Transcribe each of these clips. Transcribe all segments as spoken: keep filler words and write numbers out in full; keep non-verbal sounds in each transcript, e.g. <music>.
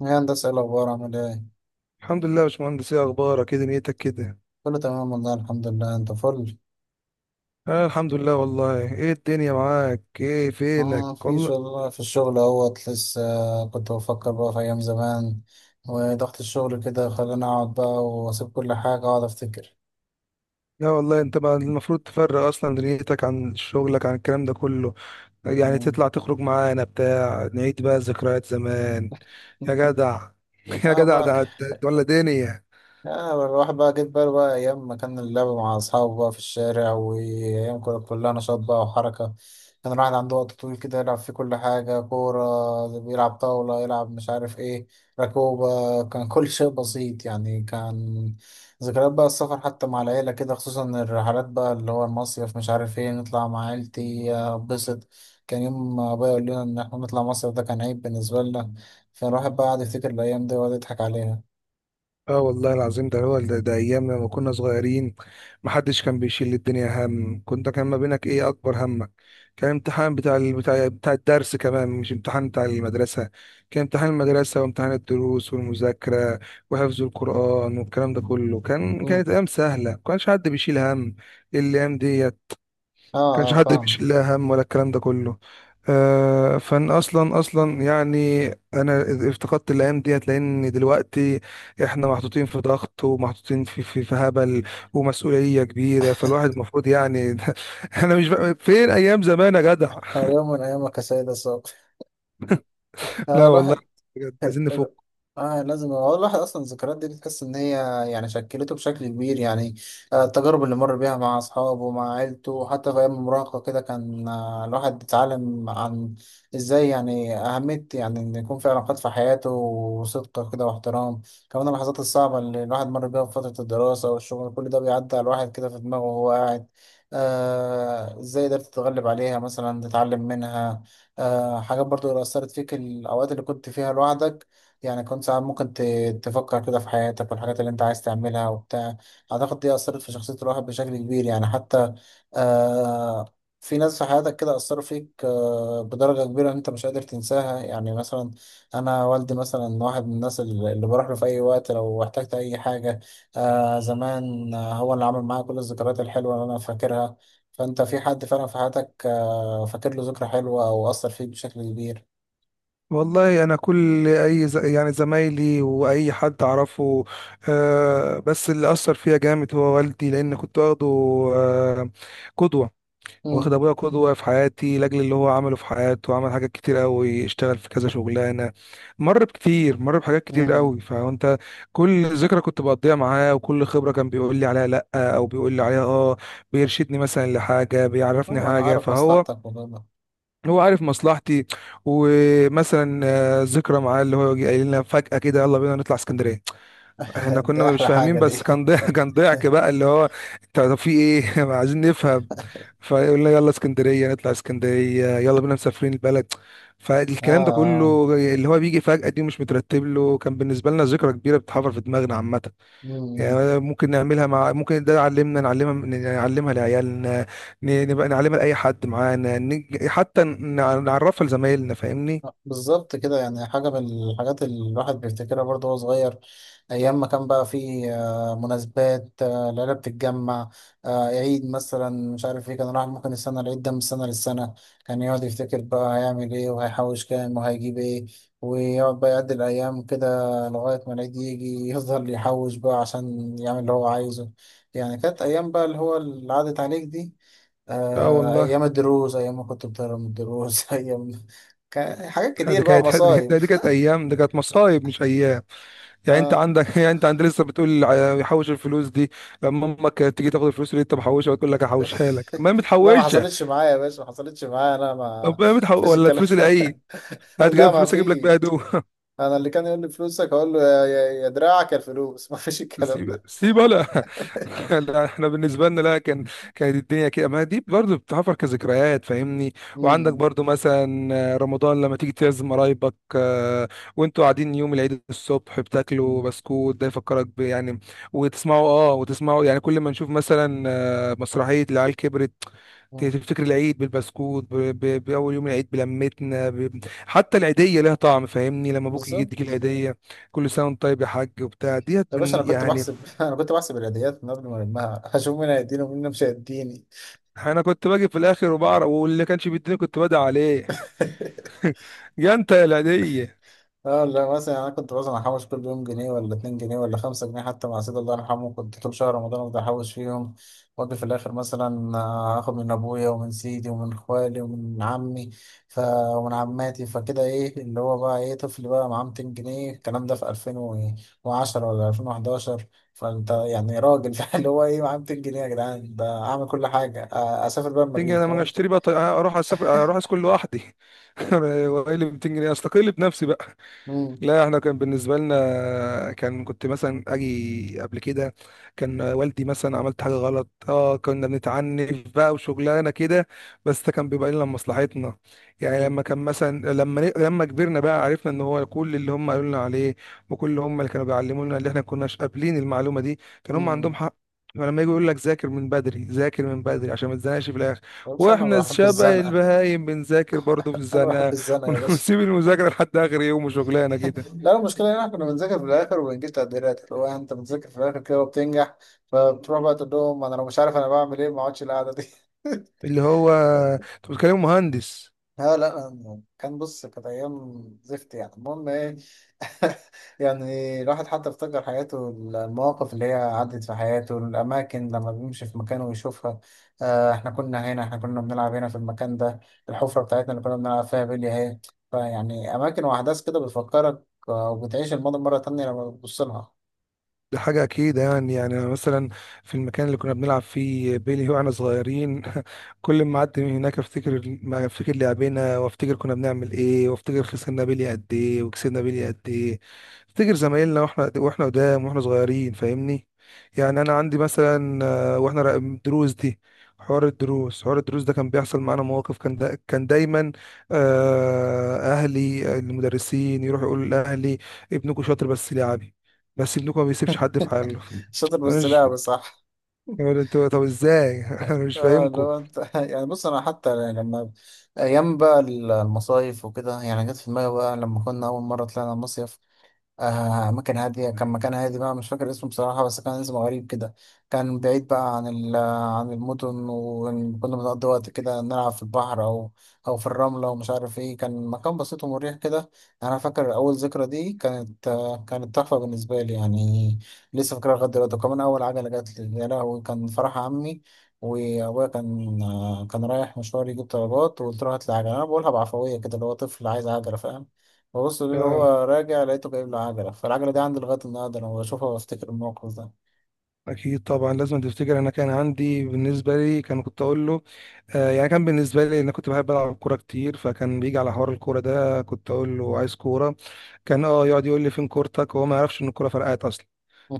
يا هندسة إيه الأخبار عامل إيه؟ الحمد لله يا باشمهندس، ايه اخبارك؟ ايه دنيتك كده؟ كله تمام والله الحمد لله أنت فل؟ انا الحمد لله والله. ايه الدنيا معاك؟ ايه فينك آه في والله؟ شغل في الشغل أهوت لسه. كنت بفكر بقى في أيام زمان، وضغط الشغل كده خلاني أقعد بقى وأسيب كل حاجة وأقعد أفتكر. لا والله انت بقى المفروض تفرق اصلا دنيتك عن شغلك عن الكلام ده كله. يعني مم. تطلع تخرج معانا بتاع، نعيد بقى ذكريات زمان يا <laughs> جدع. <laughs> يا آه جدع بقى. ده ده- ولا دنيا. آه، الواحد بقى جيت بقى بقى أيام ما كان اللعب مع أصحابه بقى في الشارع، وأيام كانت كلها نشاط بقى وحركة. كان الواحد عنده وقت طويل كده يلعب فيه كل حاجة، كورة بيلعب، طاولة يلعب، مش عارف إيه، ركوبة. كان كل شيء بسيط يعني. كان ذكريات بقى السفر حتى مع العيلة كده، خصوصا الرحلات بقى اللي هو المصيف، مش عارف إيه، نطلع مع عيلتي أتبسط. كان يوم ما أبويا يقول لنا إن إحنا نطلع مصيف ده كان عيب بالنسبة لنا. فالواحد بقى قعد يفتكر الأيام دي ويقعد يضحك عليها. اه والله العظيم ده هو ده، ده ايام لما كنا صغيرين. محدش كان بيشيل الدنيا هم، كنت كان ما بينك ايه اكبر همك. كان امتحان بتاع ال- بتاع بتاع الدرس، كمان مش امتحان بتاع المدرسة. كان امتحان المدرسة وامتحان الدروس والمذاكرة وحفظ القرآن والكلام ده كله. كان كانت ايام سهلة، ما كانش حد بيشيل هم الايام دي. اه كانش اه، حد فاهم. بيشيل لي هم ولا الكلام ده كله. آه، فانا اصلا اصلا يعني، انا افتقدت الايام ديت لان دلوقتي احنا محطوطين في ضغط ومحطوطين في في, في هبل ومسؤوليه كبيره. فالواحد المفروض يعني، <laughs> انا مش بقى، فين ايام زمان يا جدع؟ هو يوم من ايامك يا سيد السوق. <laughs> آه لا والله، الواحد بجد ال- عايزين ال- نفك. اه لازم، هو الواحد اصلا الذكريات دي بتحس ان هي، يعني، شكلته بشكل كبير يعني. آه، التجارب اللي مر بيها مع اصحابه، مع عيلته، حتى في ايام المراهقه كده كان، آه، الواحد اتعلم عن ازاي، يعني، اهميه يعني ان يكون في علاقات في حياته، وصدق كده، واحترام. كمان اللحظات الصعبه اللي الواحد مر بيها في فتره الدراسه والشغل، كل ده بيعدي على الواحد كده في دماغه وهو قاعد. آه، ازاي قدرت تتغلب عليها مثلا، تتعلم منها. آه، حاجات برضو اللي أثرت فيك، الأوقات اللي كنت فيها لوحدك يعني، كنت ساعات ممكن ت- تفكر كده في حياتك والحاجات اللي أنت عايز تعملها وبتاع. أعتقد دي أثرت في شخصية الواحد بشكل كبير يعني، حتى آه في ناس في حياتك كده أثروا فيك آه بدرجة كبيرة أنت مش قادر تنساها، يعني مثلا أنا والدي مثلا، واحد من الناس اللي اللي بروح له في أي وقت لو احتجت أي حاجة. آه زمان، آه، هو اللي عمل معايا كل الذكريات الحلوة اللي أنا فاكرها. فانت، في حد فعلا في حياتك، آه، فاكر له ذكرى حلوة او اثر فيك بشكل كبير؟ والله انا كل اي ز... يعني زمايلي واي حد اعرفه، آه، بس اللي اثر فيا جامد هو والدي، لان كنت واخده آه قدوه. امم. واخد ابويا قدوه في حياتي لاجل اللي هو عمله في حياته. عمل حاجات كتير قوي، اشتغل في كذا شغلانه، مر بكتير مر بحاجات كتير قوي. امم. فانت، كل ذكرى كنت بقضيها معاه وكل خبره كان بيقول لي عليها لا، او بيقول لي عليها اه. بيرشدني مثلا لحاجه، بيعرفني اه، انا حاجه، عارف فهو مصلحتك والله. هو عارف مصلحتي. ومثلا آه، ذكرى معاه اللي هو يجي قايل لنا فجأة كده، يلا بينا نطلع اسكندرية. احنا <laughs> كنا ده مش احلى فاهمين، حاجة بس دي. كان ضحك. <laughs> كان ضحك بقى اللي هو، انت طب في ايه؟ <laughs> عايزين نفهم. <laughs> فيقول لنا يلا اسكندريه، نطلع اسكندريه، يلا بينا مسافرين البلد. اه فالكلام ده اه. كله اللي هو بيجي فجأة دي مش مترتب له، كان بالنسبه لنا ذكرى كبيره بتتحفر في دماغنا عامه. مم. يعني ممكن نعملها مع، ممكن ده علمنا نعلمها، نعلمها لعيالنا، ن- نبقى نعلمها لاي حد معانا، نج- حتى نع- نعرفها لزمايلنا فاهمني. آه، بالظبط كده، يعني حاجة من الحاجات اللي الواحد بيفتكرها برضه وهو صغير، أيام ما كان بقى فيه آه، مناسبات، آه، العيلة بتتجمع، آه، عيد مثلا، مش عارف ايه. كان الواحد ممكن السنة العيد ده من سنة للسنة كان يقعد يفتكر بقى هيعمل ايه وهيحوش كام وهيجيب ايه، ويقعد بقى يعد الأيام كده لغاية ما العيد يجي، يفضل يحوش بقى عشان يعمل اللي هو عايزه. يعني كانت أيام بقى اللي هو اللي عدت عليك دي. اه آه، والله، أيام الدروس، أيام ما كنت بتهرب من الدروس. <laughs> أيام كان حاجات كتير دي بقى كانت، مصايب. دي كانت ايام، دي كانت مصايب مش ايام. يعني انت آه. عندك <laughs> يعني انت عند لسه بتقول ع- يحوش الفلوس دي؟ لما امك تيجي تاخد الفلوس اللي انت محوشها وتقول لك هحوشها لك، طب ما هي <laughs> لا، ما متحوشه. حصلتش معايا يا باشا، ما حصلتش معايا، أنا ما طب ما هي متحو... فيش ولا الكلام الفلوس ده. العيد، <laughs> هات كده لا ما فلوس اجيب لك بيها فيش. هدوم. أنا اللي كان يقول لي فلوسك أقول له يا يا يا دراعك يا الفلوس. <laughs> ما فيش الكلام سيب ده. سيب ولا <laughs> لا احنا بالنسبه لنا لا، كان <laughs> كانت الدنيا كده، ما دي برضو بتحفر كذكريات فاهمني. وعندك مم. برضو مثلا رمضان لما تيجي تعزم قرايبك، آه، وانتوا قاعدين يوم العيد الصبح بتاكلوا مم. بسكوت، ده يفكرك ب يعني، وتسمعوا اه، وتسمعوا يعني كل ما نشوف مثلا آه، مسرحيه العيال كبرت. ت- مم. تفتكر العيد بالبسكوت ب- ب- بأول يوم العيد بلمتنا ب... حتى العيدية لها طعم فاهمني، لما أبوك يديك بالظبط. العيدية، كل سنه وانت طيب يا حاج وبتاع ديت يا باشا، من أنا كنت يعني. بحسب، <laughs> أنا كنت بحسب العيديات من قبل ما ألمها، هشوف مين هيديني ومين مش هيديني. انا كنت باجي في الاخر وبعرف، واللي كانش بيديني كنت بدعي عليه. <laughs> <laughs> يا انت يا العيديه. اه، لا مثلا، يعني انا كنت مثلا احوش كل يوم جنيه ولا اتنين جنيه ولا خمسة جنيه، حتى مع سيد الله يرحمه كنت طول شهر رمضان افضل احوش فيهم، واجي في الاخر مثلا، آه، اخد من ابويا ومن سيدي ومن خوالي ومن عمي ف... ومن عماتي. فكده ايه اللي هو بقى، ايه، طفل بقى معاه ميتين جنيه، الكلام ده في ألفين وعشرة ولا ألفين وحداشر. فانت يعني راجل، <laughs> اللي هو ايه معاه ميتين جنيه يا جدعان، ده اعمل كل حاجه، آه، اسافر بقى تيجي المريخ، انا ما أنا فاهم. اشتري بقى طي... اروح اسافر، اروح اسكن لوحدي، <laughs> وايه اللي مئتين جنيه استقل بنفسي بقى. امم. لا احنا كان بالنسبه لنا كان، كنت مثلا اجي قبل كده، كان والدي مثلا عملت حاجه غلط اه، كنا بنتعنف بقى وشغلانه كده، بس ده كان بيبقى لنا مصلحتنا. يعني امم. لما كان مثلا، لما لما كبرنا بقى عرفنا ان هو كل اللي هم قالوا لنا عليه، وكل اللي هم اللي كانوا بيعلموا لنا اللي احنا كناش قابلين المعلومه دي، كان هم عندهم امم. حق. فلما يجي يقول لك ذاكر من بدري، ذاكر من بدري عشان ما تزنقش في الاخر، يا باشا انا واحنا بحب شبه الزنقه. البهايم بنذاكر برضه في انا بحب الزنقه. <laughs> الزنقه يا باشا. ونسيب المذاكرة لحد آخر يوم وشغلانة كده، لا، المشكلة هنا كنا بنذاكر في الآخر وبنجيب تقديرات اللي هو، يعني، أنت بتذاكر في الآخر كده وبتنجح. فبتروح بقى تقول لهم أنا لو مش عارف أنا بعمل إيه، ما أقعدش القعدة دي. <laughs> اللي هو أنت بتكلم مهندس. لا لا، أنا- كان، بص، كانت أيام زفت يعني، المهم إيه. <laughs> يعني الواحد حتى افتكر حياته، المواقف اللي هي عدت في حياته، الأماكن لما بيمشي في مكانه ويشوفها. آه إحنا كنا هنا، إحنا كنا بنلعب هنا في المكان ده، الحفرة بتاعتنا اللي كنا بنلعب فيها بلي أهي. فيعني أماكن وأحداث كده بتفكرك، آه، وبتعيش الماضي مرة تانية لما بتبص لها. دي حاجة أكيد يعني، يعني أنا مثلا في المكان اللي كنا بنلعب فيه بيلي وإحنا صغيرين، <laughs> كل ما أعدي من هناك أفتكر، ما أفتكر لعبنا وأفتكر كنا بنعمل إيه، وأفتكر خسرنا بيلي قد إيه وكسبنا بيلي قد إيه. أفتكر زمايلنا وإحنا وإحنا قدام وإحنا صغيرين فاهمني. يعني أنا عندي مثلا، آه، وإحنا را- دروس دي، حوار الدروس حوار الدروس ده كان بيحصل معانا مواقف، كان دا كان دايما آه، أهلي المدرسين يروحوا يقولوا لأهلي ابنكم شاطر بس لعبي، بس ابنكم ما بيسيبش حد في حاله. شاطر انا بس مش لعبة، فاهم، صح. يقول انتوا طب ازاي؟ <laughs> انا مش اه فاهمكم. لو انت، <laughs> يعني بص، انا حتى لما ايام بقى المصايف وكده، يعني، جت في دماغي بقى لما كنا اول مرة طلعنا مصيف. آه مكان هادي، كان مكان هادي بقى، مش فاكر اسمه بصراحة، بس كان اسمه غريب كده. كان بعيد بقى عن ال عن المدن، وكنا بنقضي وقت كده نلعب في البحر أو أو في الرملة، ومش عارف إيه. كان مكان بسيط ومريح كده. أنا فاكر أول ذكرى دي كانت، آه، كانت تحفة بالنسبة لي يعني، لسه فاكرها لغاية دلوقتي. وكمان أول عجلة جات لي، يا لهوي، كان فرح عمي. وأبويا كان، آه، كان رايح مشوار يجيب طلبات، وقلت له هات لي عجلة، أنا بقولها بعفوية كده اللي هو طفل عايز عجلة، فاهم. ببص اللي اه هو راجع لقيته جايب له عجلة، فالعجلة دي عندي لغاية النهاردة أنا بشوفها وأفتكر الموقف ده. اكيد طبعا لازم تفتكر. انا كان عندي بالنسبه لي كان، كنت اقول له آه يعني، كان بالنسبه لي انا كنت بحب العب كوره كتير، فكان بيجي على حوار الكوره ده كنت اقول له عايز كوره. كان اه يقعد يقول لي فين كورتك؟ وهو ما يعرفش ان الكوره فرقعت اصلا.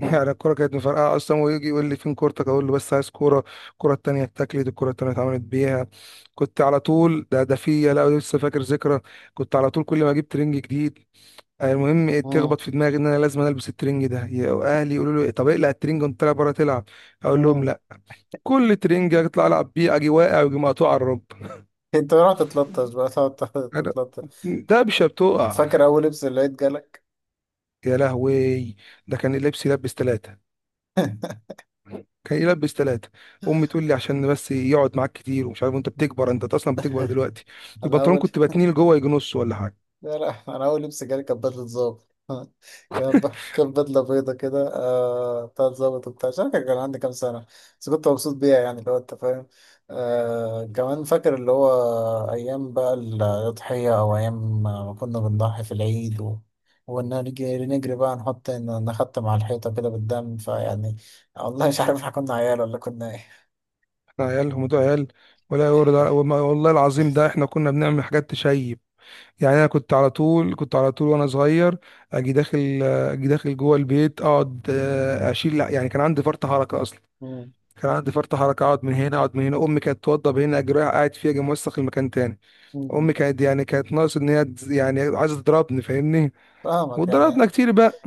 <laughs> يعني الكوره كانت مفرقعه اصلا، ويجي يقول لي فين كورتك؟ اقول له بس عايز كوره. الكوره التانيه اتاكلت، الكوره التانيه اتعملت بيها. كنت على طول ده ده فيا، لا لسه فاكر ذكرى. كنت على طول كل ما اجيب ترنج جديد، آه، المهم إيه، مم. تخبط في دماغي ان انا لازم البس الترنج ده. يا اهلي يقولوا لي إيه؟ طب اقلع الترنج وانت طالع بره تلعب. اقول لهم مم. لا. كل ترنج اطلع العب بيه اجي واقع واجي مقطوع على الرب. أنت رحت تتلطش بقى، تقعد أنا- تتلطش. دبشه بتقع. فاكر أول لبس اللي لقيت جالك؟ يا لهوي، ده كان اللبس يلبس ثلاثه، كان يلبس ثلاثة. أمي تقول لي عشان بس يقعد معاك كتير ومش عارف، وأنت بتكبر، أنت أصلا بتكبر دلوقتي. <laughs> أنا البنطلون أول كنت بتنيه لجوه يجي نص ولا حاجة. لا لا، انا اول لبس جالي كانت بدله ظابط. <laughs> كانت <laughs> ب- كانت بدله بيضه كده، آه بتاعت ظابط وبتاع، مش عارف كان عندي كام سنه، بس كنت مبسوط بيها، يعني اللي هو انت فاهم. آه كمان فاكر اللي هو ايام بقى الاضحيه، او ايام ما كنا بنضحي في العيد و... ونجري نجري بقى، نحط نحط مع الحيطه كده بالدم. فيعني، والله مش عارف احنا كنا عيال ولا كنا ايه. احنا عيال، الموضوع عيال. ولا يورد على- وما- والله العظيم ده احنا كنا بنعمل حاجات تشيب. يعني انا كنت على طول، كنت على طول وانا صغير اجي داخل، اجي داخل جوه البيت اقعد، آه، اشيل لا، يعني كان عندي فرط حركه اصلا. مم. كان عندي فرط حركه، اقعد من هنا اقعد من هنا امي كانت توضب هنا، اجي رايح قاعد فيها، اجي موسخ المكان تاني. مم. امي كانت يعني كانت ناقص ان هي تز- يعني عايزه تضربني فاهمني. فاهمك واتضربنا يعني. كتير بقى.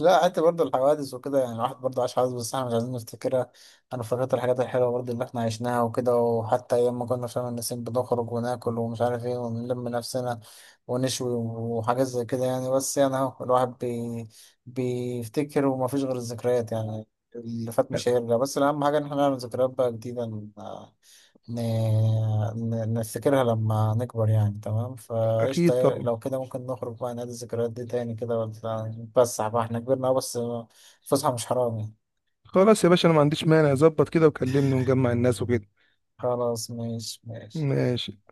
لا، حتى برضه الحوادث وكده، يعني الواحد برضه عاش حوادث بس احنا مش عايزين نفتكرها. انا فاكرت الحاجات الحلوه برضه اللي احنا عشناها وكده، وحتى ايام ما كنا في شم النسيم بنخرج وناكل، ومش عارف ايه، ونلم نفسنا ونشوي وحاجات زي كده يعني. بس يعني اهو الواحد بي بيفتكر، ومفيش غير الذكريات يعني. اللي فات مش هيرجع، بس الاهم حاجه ان احنا نعمل ذكريات بقى جديده، ن- ن- نفتكرها لما نكبر يعني. تمام. اكيد فقشطة، طبعا. لو كده ممكن نخرج بقى نادي الذكريات دي تاني كده، ولا نتفسح بقى، احنا كبرنا أهو، بس الفسحة مش حرام يعني. خلاص يا باشا، انا ما عنديش مانع، ظبط كده وكلمني ونجمع الناس وكده. خلاص ماشي ماشي. ماشي.